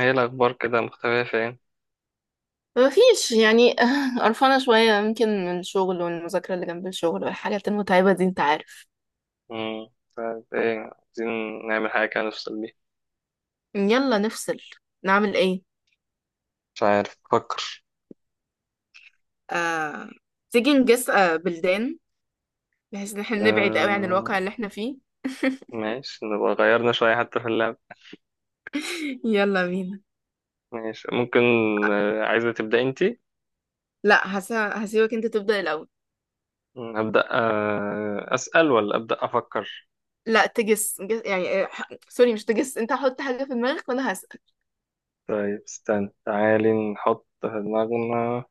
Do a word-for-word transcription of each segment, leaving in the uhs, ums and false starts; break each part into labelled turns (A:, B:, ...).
A: ايه الأخبار كده مختفية فين؟
B: ما فيش يعني قرفانة شوية يمكن من الشغل والمذاكرة اللي جنب الشغل والحاجات المتعبة دي انت عارف.
A: مم. طيب ايه عايزين نعمل حاجة كده نفصل بيها؟
B: يلا نفصل، نعمل ايه؟
A: مش عارف، بفكر.
B: آه... تيجي نجس آه بلدان، بحيث ان احنا نبعد قوي عن الواقع
A: آه...
B: اللي احنا فيه.
A: ماشي، نبقى غيرنا شوية حتى في اللعب.
B: يلا بينا.
A: ماشي ممكن.
B: آه،
A: آه... عايزة تبدأ انتي؟
B: لا هس... هسيبك انت تبدأ الأول.
A: مم، أبدأ. آه... أسأل ولا أبدأ أفكر؟
B: لا، تجس جس... يعني آه، ح- سوري، مش تجس، انت حط حاجة في دماغك وانا هسأل.
A: طيب استنى، تعالي نحط في دماغنا.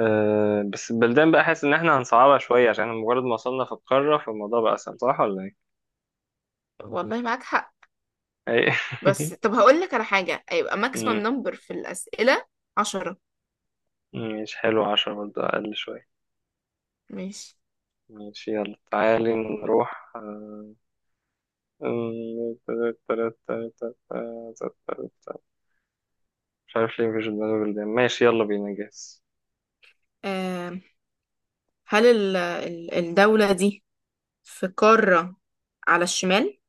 A: آه... بس البلدان بقى، حاسس إن احنا هنصعبها شوية، عشان مجرد ما وصلنا في القارة فالموضوع بقى أسهل، صح ولا ايه؟
B: والله معاك حق.
A: ايه؟
B: بس طب هقول لك على حاجة هيبقى ماكسيمم
A: مم،
B: نمبر في الأسئلة عشرة.
A: ماشي حلو، عشرة برضه أقل شوية.
B: ماشي.
A: ماشي، يلا تعالي نروح. مش عارف ليه مفيش في دماغي بلدان. ماشي يلا بينا، جاهز.
B: آه، هل ال- ال- الدولة دي في قارة على الشمال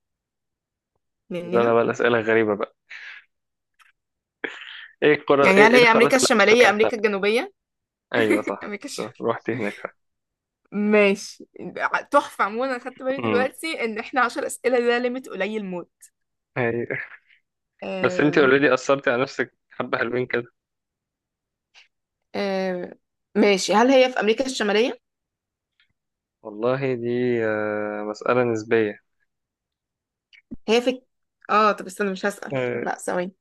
A: بدأنا
B: مننا؟
A: بقى الأسئلة الغريبة بقى. ايه القارة،
B: يعني
A: ايه،
B: هل
A: إيه
B: هي
A: القارات
B: أمريكا
A: اللي
B: الشمالية،
A: شكلتها؟
B: أمريكا الجنوبية؟
A: ايوه صح،
B: أمريكا
A: شوف،
B: الشمالية.
A: رحت هناك.
B: ماشي. ع- تحفة. عموما أنا خدت بالي
A: امم،
B: دلوقتي إن إحنا عشر أسئلة ده ليميت قليل موت.
A: أيوة. بس انت
B: آم،
A: اوريدي أثرتي على نفسك حبة حلوين كده.
B: آم، ماشي. هل هي في أمريكا الشمالية؟
A: والله دي آه، مسألة نسبية.
B: هي في... آه طب استنى، مش هسأل.
A: آه،
B: لا ثواني.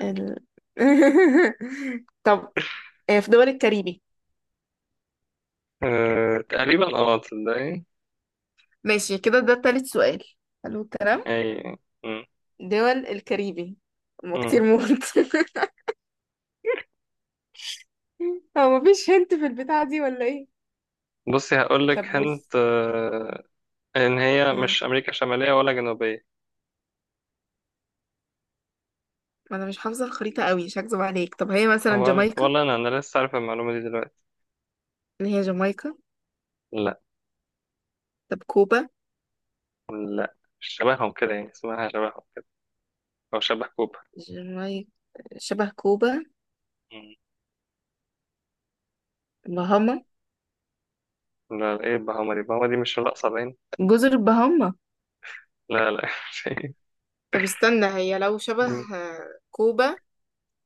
B: ال... طب، آه، في دول الكاريبي.
A: آه، تقريبا، اه تصدقي.
B: ماشي كده، ده تالت سؤال. حلو الكلام.
A: اي، أمم،
B: دول الكاريبي هما
A: أمم.
B: كتير موت. هو مفيش هنت في البتاعة دي ولا ايه؟
A: بصي هقول لك،
B: طب بص،
A: هنت آه، ان هي
B: آه،
A: مش امريكا شماليه ولا جنوبيه.
B: انا مش حافظة الخريطة قوي، مش هكذب عليك. طب هي مثلا
A: ولا
B: جامايكا؟
A: ولا انا انا لسه عارف المعلومه دي دلوقتي.
B: اللي هي جامايكا.
A: لا،
B: طب كوبا.
A: لا مش شبههم كده، يعني اسمها شبههم كده، او شبه كوبا.
B: جامايكا شبه كوبا.
A: مم.
B: بهاما.
A: لا، لا، ايه بهاما دي، بهاما دي مش الاقصى باين.
B: جزر بهاما.
A: لا لا.
B: طب استنى، هي لو شبه
A: مم.
B: آه، كوبا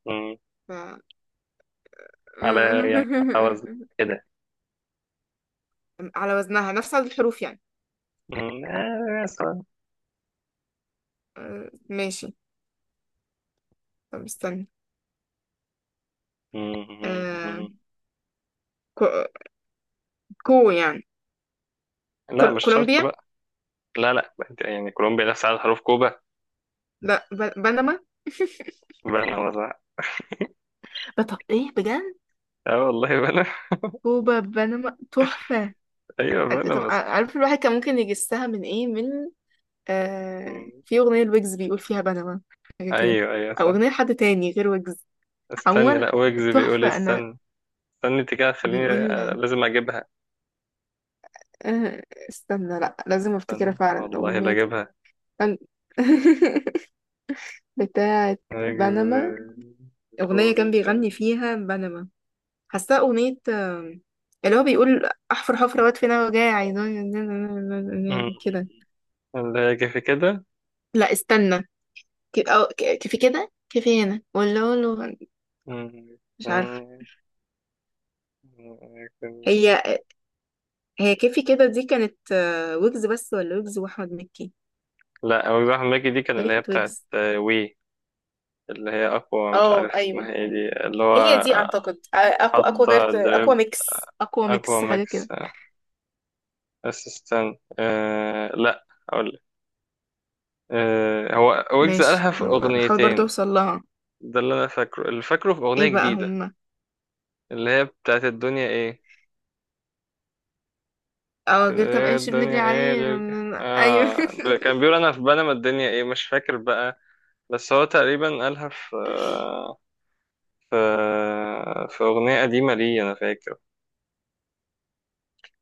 A: مم.
B: ف...
A: على يعني على وزن كده.
B: على وزنها، نفس عدد الحروف يعني.
A: مم، آه، مثلا.
B: آه، ماشي. طب استنى، آه،
A: مم.
B: كو... كو يعني
A: لا
B: كول...
A: مش شرط
B: كولومبيا.
A: بقى. لا لا، أنت يعني كولومبيا نفس عدد حروف كوبا؟
B: لا، ب- بنما.
A: بنا مثلا.
B: بطب ايه بجد؟
A: اه والله بنا.
B: كوبا بنما تحفة.
A: ايوه
B: أنت-
A: بنا
B: طب
A: مثلا.
B: ع- عارف الواحد كان ممكن يجسها من ايه؟ من آه
A: مم.
B: في أغنية الويجز بيقول فيها بنما، حاجة كده.
A: ايوه ايوه
B: أو
A: صح.
B: أغنية حد تاني غير ويجز.
A: استنى،
B: عموما
A: لا ويجز بيقول إيه؟
B: تحفة. أنا
A: استنى. استني انت كده، خليني آه،
B: بيقول
A: لازم اجيبها.
B: آه استنى، لا لازم افتكرها
A: استني
B: فعلا،
A: والله، لا
B: أغنية.
A: اجيبها.
B: كان- بتاعة بنما،
A: أجيب-.
B: أغنية كان
A: قول.
B: بيغني فيها بنما. حاساه أغنية، آم، اللي هو بيقول أحفر حفرة وأدفن أنا وجاي
A: أمم،
B: عايزاني كده.
A: لا يجي في كده.
B: لا استنى، ك- أو ك- كيفي كده. كيفي هنا ولا له؟
A: أمم،
B: مش عارفة.
A: أمم،
B: هي هي كيفي كده دي كانت آه، ويجز بس ولا ويجز وأحمد مكي؟
A: لا مجزوعة حماكي دي، كان
B: تقريبا
A: اللي هي
B: كانت
A: بتاعت
B: ويجز.
A: آه، وي-. اللي هي اقوى، مش
B: اه
A: عارف
B: ايوه.
A: اسمها ايه دي اللي هو
B: هي دي
A: آه،
B: اعتقد آه، اقوى اقوى
A: حاطة
B: جارت، اقوى
A: دريب،
B: ميكس، أقوى
A: اقوى
B: ميكس، حاجة
A: ماكس
B: كده.
A: اسيستنت. آه، لا اقول لك، آه، هو ويجز
B: ماشي،
A: قالها في
B: أنا بحاول برضه
A: اغنيتين.
B: أوصل لها.
A: ده اللي انا فاكره، اللي فاكره في اغنية
B: إيه بقى
A: جديدة.
B: هما؟
A: اللي هي بتاعت الدنيا ايه.
B: أو
A: اللي
B: غير كام
A: هي
B: قرش بنجري
A: الدنيا ايه
B: عليه؟
A: غير كده،
B: أيوه.
A: اه ب- كان بيقول انا في بنما الدنيا ايه، مش فاكر بقى. بس هو تقريبا قالها في، في في اغنية قديمة ليه انا فاكر.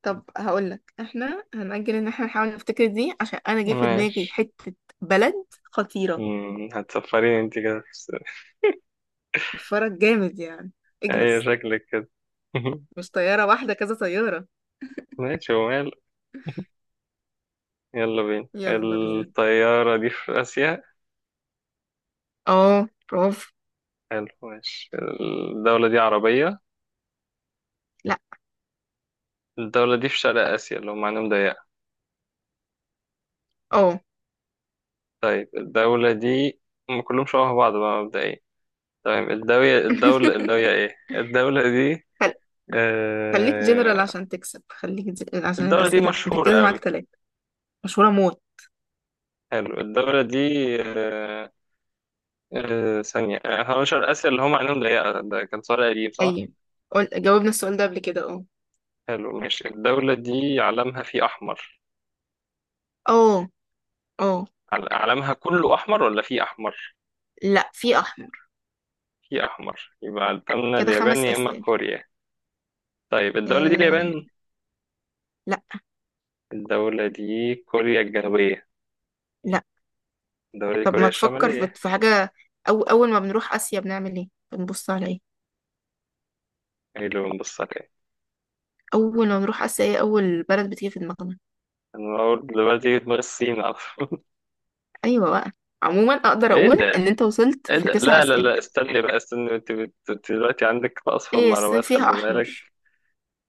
B: طب هقولك، احنا هنأجل ان احنا نحاول نفتكر دي، عشان انا جه في دماغي
A: ماشي.
B: حتة بلد خطيرة،
A: مم، هتسفريني انت كده في الس-.
B: فرق جامد يعني.
A: ايه
B: اجهز،
A: شكلك كده؟
B: مش طيارة واحدة، كذا طيارة.
A: ماشي، ومال. يلا بينا،
B: يلا بينا.
A: الطيارة دي في آسيا.
B: اه برافو.
A: حلو، ماشي. الدولة دي عربية؟
B: لا،
A: الدولة دي في شرق آسيا اللي هم عندهم ضيق؟
B: اه.
A: طيب الدولة دي، هم كلهم شبه بعض بقى مبدئيا. طيب الدولة، الدولة الدولة ايه الدولة دي؟
B: خل- خليك جنرال
A: آه.
B: عشان تكسب، خليك ج- عشان
A: الدولة دي
B: الأسئلة انت
A: مشهورة
B: كده معاك
A: أوي؟
B: تلاتة. مشهورة موت.
A: حلو. الدولة دي، آه، آه ثانية، آه، هو شرق آسيا اللي هم عينهم ضيقة ده كان سؤال قديم صح؟
B: طيب قول، جاوبنا السؤال ده قبل كده، اه.
A: حلو ماشي. الدولة دي علمها فيه أحمر؟
B: اه، اه.
A: عل- علمها كله أحمر ولا فيه أحمر؟
B: لا في احمر.
A: فيه أحمر، يبقى الدولة
B: كده
A: اليابان
B: خمس
A: يا إما
B: أسئلة.
A: كوريا. طيب الدولة دي
B: آه.
A: اليابان؟
B: لا،
A: الدولة دي كوريا الجنوبية؟
B: لا.
A: الدولة دي
B: طب
A: كوريا
B: ما تفكر في
A: الشمالية؟
B: في حاجة. أو أول ما بنروح آسيا بنعمل إيه؟ بنبص على إيه؟
A: ايه اللي بنبص عليه؟
B: أول ما بنروح آسيا، إيه أول بلد بتيجي في دماغنا؟
A: انا اول دلوقتي يجي في دماغي الصين على طول.
B: أيوة بقى. عموما أقدر
A: ايه
B: أقول إن
A: ده؟
B: أنت وصلت
A: ايه
B: في
A: ده؟
B: تسع
A: لا لا
B: أسئلة.
A: لا، استني بقى، استني انت بت- أنت دلوقتي عندك اصفى
B: إيه، الصين
A: معلومات، خلي
B: فيها أحمر؟
A: بالك.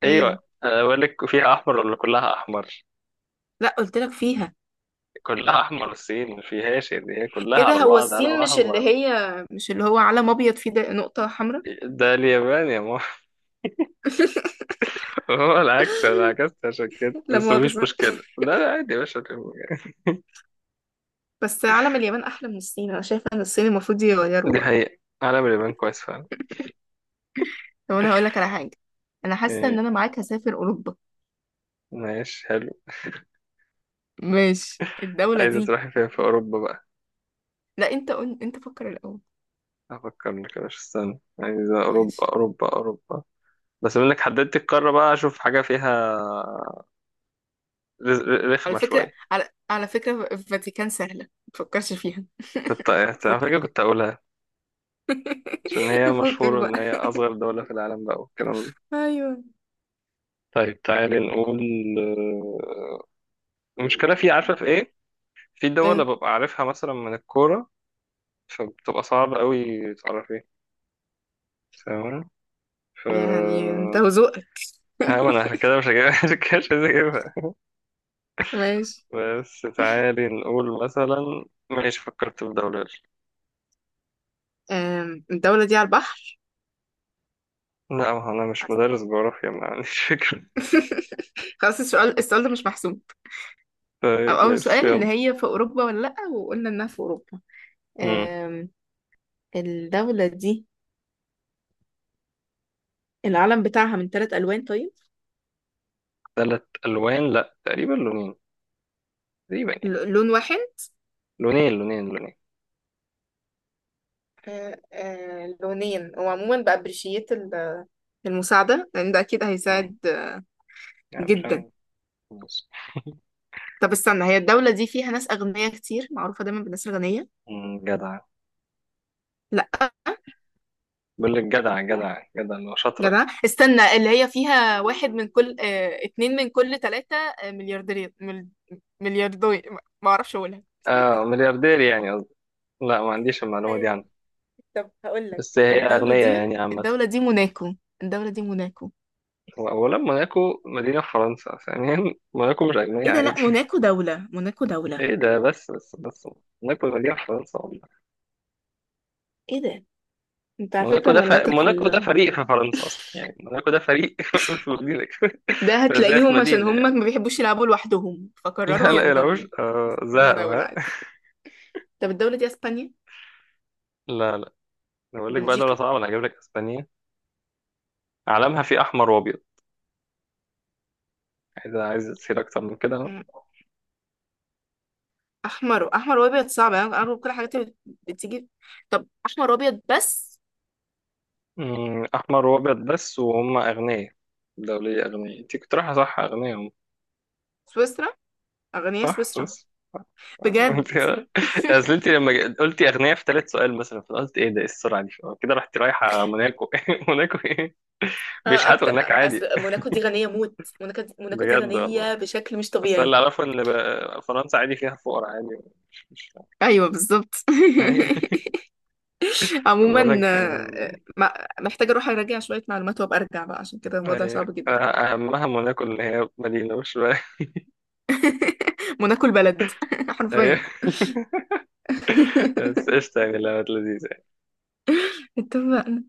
A: ايوه،
B: إيه؟
A: انا بقول لك فيها احمر ولا كلها احمر.
B: لا، قلت لك فيها.
A: كلها احمر، الصين ما فيهاش، يعني هي كلها
B: إيه ده،
A: على
B: هو
A: بعض
B: الصين
A: على
B: مش اللي
A: احمر.
B: هي، مش اللي هو علم أبيض فيه ده نقطة حمراء؟
A: ده اليابان يا ماما. هو العكس، انا عكست عشان كده،
B: لا
A: بس مفيش
B: مؤاخذة.
A: مشكله، لا لا عادي يا باشا.
B: بس علم اليابان أحلى من الصين، أنا شايفة إن الصين المفروض يغيره
A: دي
B: بقى.
A: حقيقة، علم اليابان كويس فعلا.
B: طب أنا هقول لك على حاجة، أنا حاسة إن
A: ايه؟
B: أنا معاك هسافر أوروبا.
A: ماشي حلو.
B: ماشي، الدولة
A: عايزة
B: دي.
A: تروحي فين في أوروبا بقى؟
B: لا انت قول، انت فكر الاول.
A: افكر لك يا باشا، استنى عايز
B: ماشي.
A: اوروبا، اوروبا، اوروبا. بس منك حددت القاره بقى، اشوف حاجه فيها رز- ر-
B: على
A: رخمه
B: فكرة،
A: شويه.
B: على على فكرة، الفاتيكان سهلة، ما تفكرش فيها
A: كنت على
B: فك.
A: فكره كنت اقولها، عشان هي
B: فكك
A: مشهوره ان
B: بقى.
A: هي اصغر دوله في العالم بقى والكلام ده.
B: ايوه
A: طيب تعالي نقول، آه، المشكله في، عارفه في ايه؟ في دول
B: ايه؟
A: ببقى عارفها مثلا من الكوره، فبتبقى صعب قوي تعرفي، فاهمة؟ ف.
B: يعني انت وذوقك.
A: ها ما انا عشان كده مش هجيبها، عشان كده مش عايز اجيبها.
B: ماشي.
A: بس تعالي نقول مثلا. ماشي، فكرت في دولة.
B: أم، الدولة دي على البحر؟
A: لا ما هو أنا مش مدرس جغرافيا، ما عنديش فكرة.
B: خلاص، السؤال السؤال ده مش محسوب. او
A: طيب
B: اول
A: ماشي
B: سؤال ان
A: يلا.
B: هي في اوروبا ولا لا، وقلنا انها في اوروبا.
A: مم.
B: أم، الدولة دي العلم بتاعها من ثلاث الوان طيب؟
A: تلات ألوان، لا تقريبا لونين، تقريبا يعني.
B: ل- لون واحد؟
A: لونين، لونين، لونين.
B: آه، آه، لونين. وعموما بأبريشيت ال- المساعدة، لأن ده أكيد
A: مم.
B: هيساعد آه،
A: يعني مش عارف.
B: جدا.
A: بص.
B: طب استنى، هي الدولة دي فيها ناس أغنياء كتير، معروفة دايما بالناس الغنية؟
A: مم، جدع.
B: لا.
A: بقول لك جدع، جدع، جدع، اللي هو شاطرة.
B: جدع، استنى، اللي هي فيها واحد من كل آه، اتنين من كل تلاتة آه، ملياردير، مل- ملياردوي، ما أعرفش أقولها.
A: اه ملياردير يعني قصدي. لا ما عنديش المعلومة دي عنه.
B: ايوه. طب هقول لك،
A: بس هي
B: الدولة
A: أغنية
B: دي
A: يعني عامة.
B: الدولة دي موناكو. الدولة دي موناكو.
A: وأولا موناكو مدينة في فرنسا، ثانيا موناكو مش أغنية
B: ايه ده،
A: عادي.
B: لا موناكو دولة، موناكو دولة.
A: إيه ده، بس، بس، بس، موناكو مدينة في فرنسا.
B: ايه ده، انت على
A: موناكو
B: فكرة
A: ده ف-،
B: معلوماتك في...
A: موناكو ده فريق في فرنسا اصلا، يعني موناكو ده فريق في مدينه.
B: ده
A: كده زي في
B: هتلاقيهم عشان
A: مدينه
B: هم
A: يعني.
B: ما بيحبوش يلعبوا لوحدهم
A: لا
B: فقرروا
A: لا
B: ينضموا.
A: يلعبوش، آه
B: هم
A: زهقوا،
B: دولة
A: ها.
B: عادي. طب الدولة دي اسبانيا؟
A: لا لا، أنا بقول لك بقى دوله
B: بلجيكا؟
A: صعبه، انا هجيب لك اسبانيا؟ علمها فيه احمر وابيض. عايز عايز تصير اكتر من كده.
B: مم. احمر احمر وابيض، صعب. انا أنا كل الحاجات اللي بتيجي. طب احمر وابيض بس؟
A: أمم، احمر وابيض بس وهم اغنياء. دوليه اغنياء، انت كنت رايحه صح، اغنياء هم.
B: سويسرا. اغنياء
A: صح،
B: سويسرا.
A: سويس. انت!
B: بجد.
A: اصل انت لما ج- قلتي اغنياء في ثالث سؤال مثلا، فأنا قلت ايه ده، ايه السرعه دي؟ كده رحت رايحه موناكو، موناكو ايه،
B: آه،
A: بيشحتوا
B: اكتر.
A: هناك عادي.
B: أصل موناكو دي غنية موت، موناكو دي... موناكو دي
A: بجد والله.
B: غنية بشكل مش
A: بس اللي
B: طبيعي.
A: اعرفه ان ب- فرنسا عادي فيها فقراء عادي، مش مش.
B: ايوه بالظبط.
A: هي-. بقول
B: عموما،
A: لك
B: آه،
A: كان.
B: آه، ما- محتاجة اروح اراجع شوية معلومات وابقى ارجع بقى، عشان كده الوضع
A: هي-
B: صعب جدا.
A: اهمها موناكو اللي هي مدينه، مش بقى.
B: موناكو البلد.
A: هي.
B: حرفيا.
A: بس قشطه يعني، لا لذيذه.
B: اتفقنا.